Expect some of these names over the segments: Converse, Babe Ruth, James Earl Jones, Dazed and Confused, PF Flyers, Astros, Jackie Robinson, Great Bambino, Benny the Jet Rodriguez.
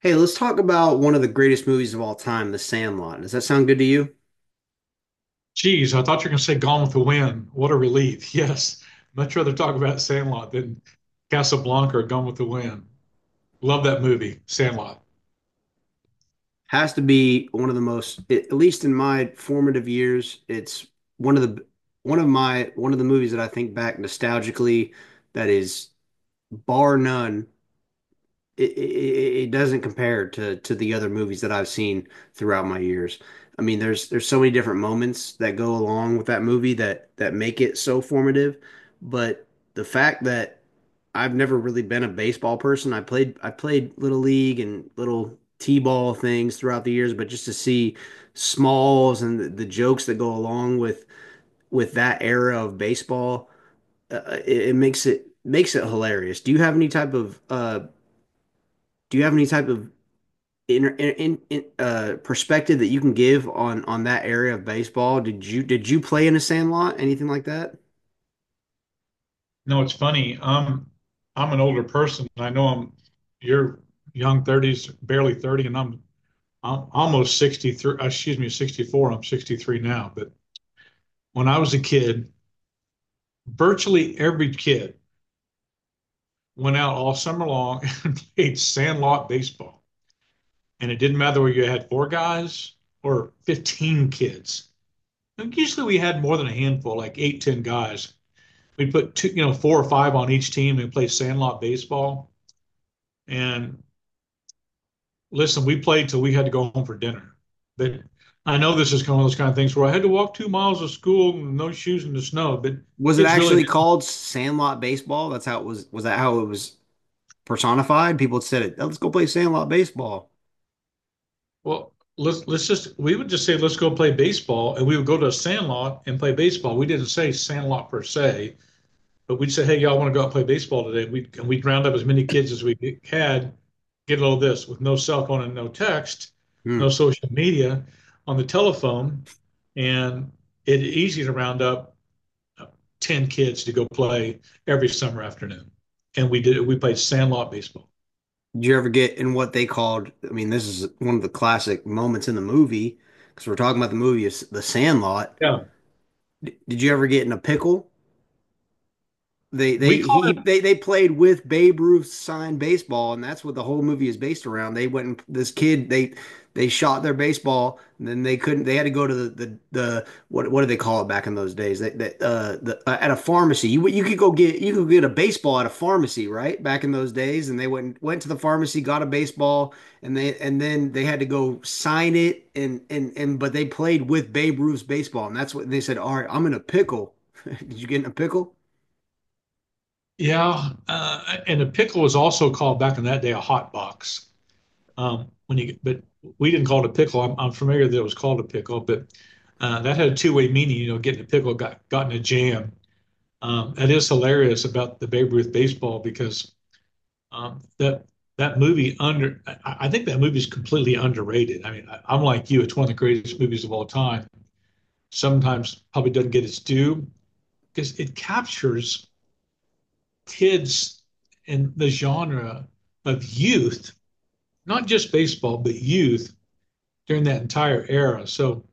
Hey, let's talk about one of the greatest movies of all time, The Sandlot. Does that sound good to you? Geez, I thought you were going to say Gone with the Wind. What a relief. Yes. Much rather talk about Sandlot than Casablanca or Gone with the Wind. Love that movie, Sandlot. Has to be one of the most, at least in my formative years, it's one of the one of my one of the movies that I think back nostalgically that is bar none it doesn't compare to the other movies that I've seen throughout my years. I mean, there's so many different moments that go along with that movie that make it so formative, but the fact that I've never really been a baseball person. I played little league and little t-ball things throughout the years, but just to see smalls and the jokes that go along with that era of baseball, it makes it hilarious. Do you have any type of perspective that you can give on that area of baseball? Did you play in a sandlot? Anything like that? No, it's funny. I'm an older person. I know I'm you're young 30s, barely 30, and I'm almost 63, excuse me, 64. I'm 63 now. But when I was a kid, virtually every kid went out all summer long and played Sandlot baseball. And it didn't matter whether you had four guys or 15 kids. And usually we had more than a handful, like eight, 10 guys. We'd put two, four or five on each team and play sandlot baseball. And listen, we played till we had to go home for dinner. But I know this is kind of one of those kind of things where I had to walk 2 miles to school with no shoes in the snow, but Was it kids really actually did. called sandlot baseball? That's how it was. Was that how it was personified? People said it. Oh, let's go play sandlot baseball. Well, let's just we would just say let's go play baseball, and we would go to a sandlot and play baseball. We didn't say sandlot per se. But we'd say, hey, y'all want to go out and play baseball today? And we'd round up as many kids as we had, get all this with no cell phone and no text, no Hmm. social media on the telephone. And it's easy to round up uh, 10 kids to go play every summer afternoon. And we did, we played sandlot baseball. Did you ever get in what they called? I mean, this is one of the classic moments in the movie because we're talking about the movie, is the Sandlot. Yeah. Did you ever get in a pickle? We They call he they played with Babe Ruth signed baseball, and that's what the whole movie is based around. They went and this kid they shot their baseball, and then they couldn't. They had to go to the what do they call it back in those days? At a pharmacy you could go get you could get a baseball at a pharmacy right back in those days, and they went to the pharmacy, got a baseball, and they and then they had to go sign it, and but they played with Babe Ruth's baseball, and that's what and they said, "All right, I'm in a pickle." Did you get in a pickle? it, yeah. And a pickle was also called back in that day a hot box. When you but we didn't call it a pickle. I'm familiar that it was called a pickle, but that had a two-way meaning. Getting a pickle got in a jam. That is hilarious about the Babe Ruth baseball because that that movie under I think that movie is completely underrated. I mean, I'm like you; it's one of the greatest movies of all time. Sometimes probably doesn't get its due because it captures kids in the genre of youth, not just baseball, but youth during that entire era. So,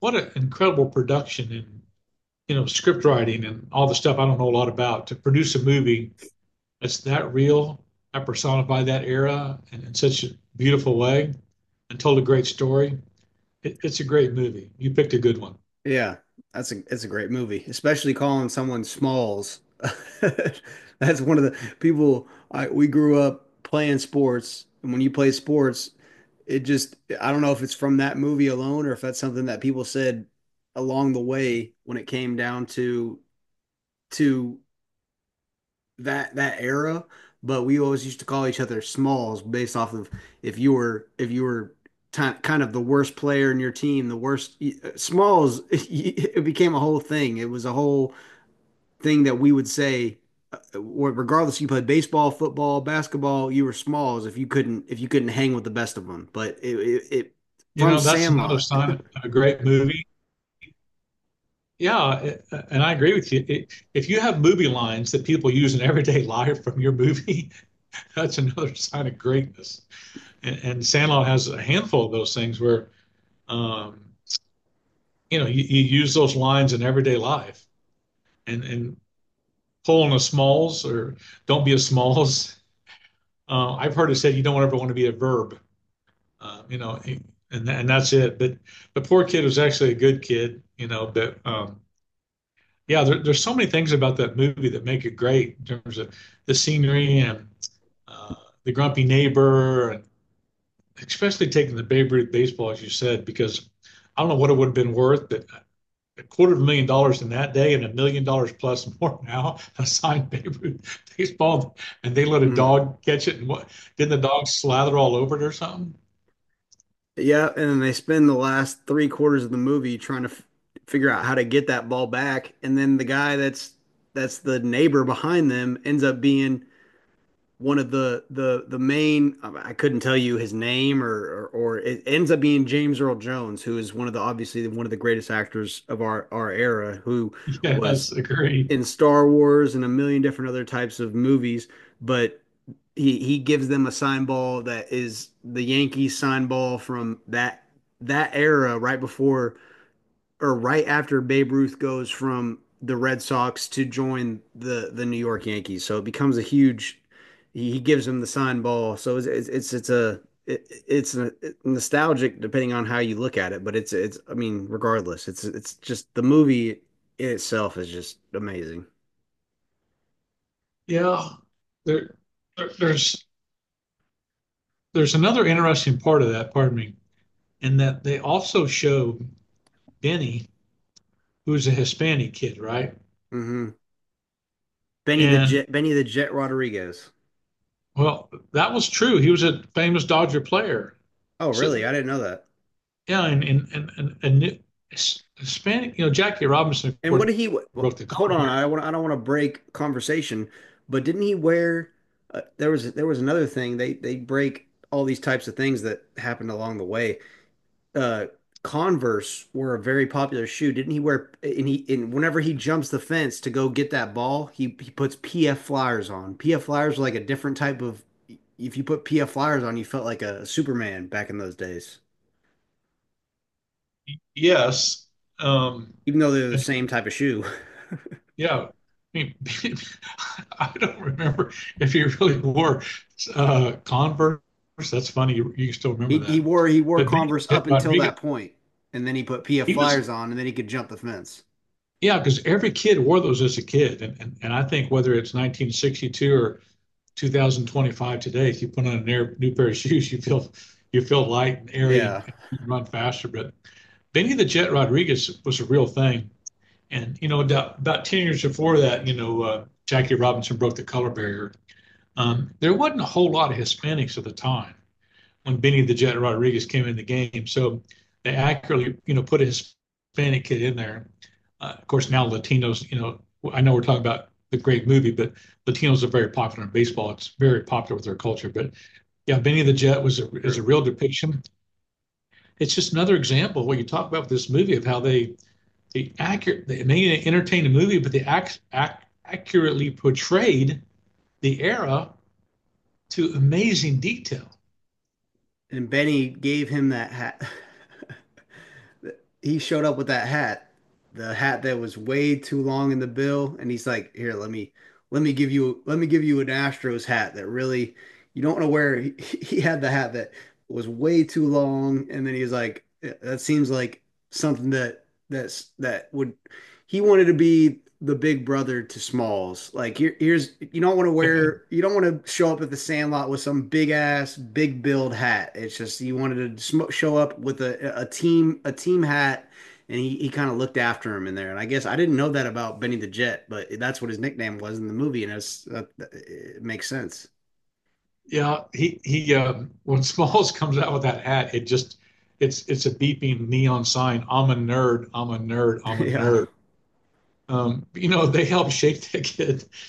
what an incredible production and script writing and all the stuff I don't know a lot about to produce a movie that's that real, that personified that era and in such a beautiful way, and told a great story. It's a great movie. You picked a good one. Yeah, that's a it's a great movie, especially calling someone Smalls. That's one of the people I we grew up playing sports, and when you play sports, it just I don't know if it's from that movie alone or if that's something that people said along the way when it came down to to that era, but we always used to call each other smalls based off of if you were kind of the worst player in your team, the worst smalls. It became a whole thing. It was a whole thing that we would say, regardless if you played baseball, football, basketball, you were smalls if you couldn't hang with the best of them. But it You from know that's another Sandlot. sign of a great movie. Yeah, and I agree with you. If you have movie lines that people use in everyday life from your movie, that's another sign of greatness. And Sandlot has a handful of those things where, um, you use those lines in everyday life and pull on a smalls or don't be a smalls. I've heard it said you don't ever want to be a verb, uh, you know, and that's it. But the poor kid was actually a good kid, but, yeah, there's so many things about that movie that make it great in terms of the scenery and uh, the grumpy neighbor and especially taking the Babe Ruth baseball, as you said, because I don't know what it would have been worth, but a quarter of $1 million in that day and $1 million plus more now. A signed Babe Ruth baseball, and they let a Mhm. dog catch it, and what didn't the dog slather all over it or something? Yeah, and then they spend the last three-quarters of the movie trying to f figure out how to get that ball back, and then the guy that's the neighbor behind them ends up being one of the main. I couldn't tell you his name, or it ends up being James Earl Jones, who is one of the obviously one of the greatest actors of our era, who Yes, was agree. in Star Wars and a million different other types of movies, but he gives them a sign ball that is the Yankees sign ball from that era right before or right after Babe Ruth goes from the Red Sox to join the New York Yankees. So it becomes a huge he gives him the sign ball. So it's a it, it's a, nostalgic depending on how you look at it, but it's I mean regardless, it's just the movie in itself is just amazing. Yeah, there, there, there's there's another interesting part of that. Pardon me, in that they also show Benny, who's a Hispanic kid, right? Hmm. And Benny the Jet Rodriguez. Well, that was true. He was a famous Dodger player. Oh, really? So I didn't know that. yeah, and Hispanic, Jackie Robinson, of And course, what did he? Broke the Hold color on, I barrier. want. I don't want to break conversation, but didn't he wear? There was another thing. They break all these types of things that happened along the way. Uh, Converse were a very popular shoe. Didn't he wear? And he and whenever he jumps the fence to go get that ball, he puts PF Flyers on. PF Flyers were like a different type of. If you put PF Flyers on, you felt like a Superman back in those days. Yes, um, Even though they're the and same type of shoe. yeah, I mean, I don't remember if he really wore Converse. That's funny. You still He remember he that, wore he wore but Benny the Converse Jet up until Rodriguez, that point, and then he put PF he was Flyers on, and then he could jump the fence. yeah, because every kid wore those as a kid, and and I think whether it's 1962 or 2025 today, if you put on a near, new pair of shoes, you feel light and airy and, Yeah, and run faster. But Benny the Jet Rodriguez was a real thing, and about 10 years before that, Jackie Robinson broke the color barrier. There wasn't a whole lot of Hispanics at the time, when Benny the Jet Rodriguez came in the game. So they accurately, put a Hispanic kid in there. Of course, now Latinos, I know we're talking about the great movie, but Latinos are very popular in baseball. It's very popular with their culture. But yeah, Benny the Jet is a true. real depiction. It's just another example of what you talk about with this movie of how they may entertain a movie, but accurately portrayed the era to amazing detail. And Benny gave him that hat. He showed up with that hat, the hat that was way too long in the bill, and he's like, "Here, let me give you an Astros hat that really you don't want to wear." He had the hat that was way too long, and then he was like, "That seems like something that." That's that would he wanted to be the big brother to Smalls. Like here, here's you don't want to wear you don't want to show up at the Sandlot with some big ass big build hat. It's just he wanted to show up with a team hat, and he kind of looked after him in there. And I guess I didn't know that about Benny the Jet, but that's what his nickname was in the movie, and it's, it makes sense. Yeah, he. When Smalls comes out with that hat, it just it's a beeping neon sign. I'm a nerd. I'm a nerd. I'm a Yeah. nerd. They helped shape that kid.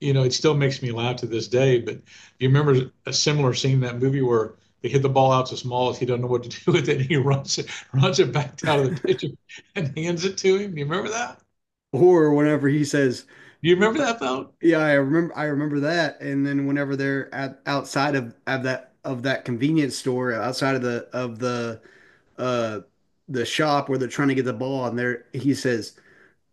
It still makes me laugh to this day. But you remember a similar scene in that movie where they hit the ball out to Smalls. He doesn't know what to do with it. And he runs it back down to the pitcher and hands it to him. Do you remember that? Or whenever he says, Do you remember Uh, that though? yeah, I remember that. And then whenever they're at outside of that convenience store, outside of uh the shop where they're trying to get the ball and there he says,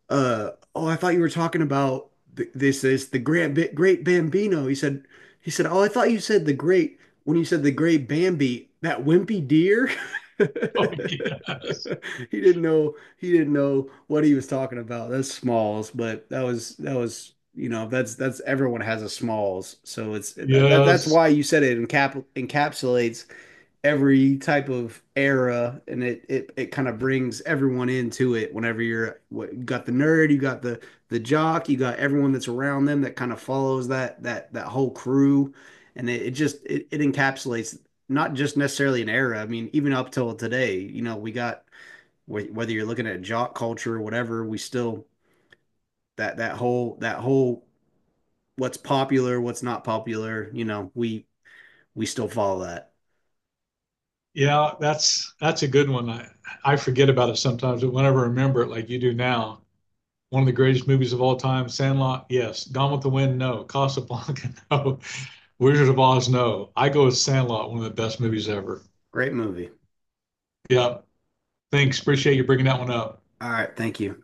oh, I thought you were talking about th this is the Grand Bi Great Bambino. He said, oh, I thought you said the great when you said the Great Bambi, that wimpy deer. Oh yes, He didn't know what he was talking about. That's Smalls, but that was you know that's everyone has a Smalls, so it's that's yes. why you said it encapsulates every type of era, and it kind of brings everyone into it whenever you're what you got the nerd, you got the jock, you got everyone that's around them that kind of follows that whole crew, and it encapsulates not just necessarily an era. I mean, even up till today, you know, we got whether you're looking at jock culture or whatever. We still that whole what's popular, what's not popular. You know, we still follow that. Yeah, that's a good one. I forget about it sometimes, but whenever I remember it, like you do now, one of the greatest movies of all time, Sandlot, yes. Gone with the Wind, no. Casablanca, no. Wizard of Oz, no. I go with Sandlot, one of the best movies ever. Great movie. Yeah, thanks. Appreciate you bringing that one up. All right, thank you.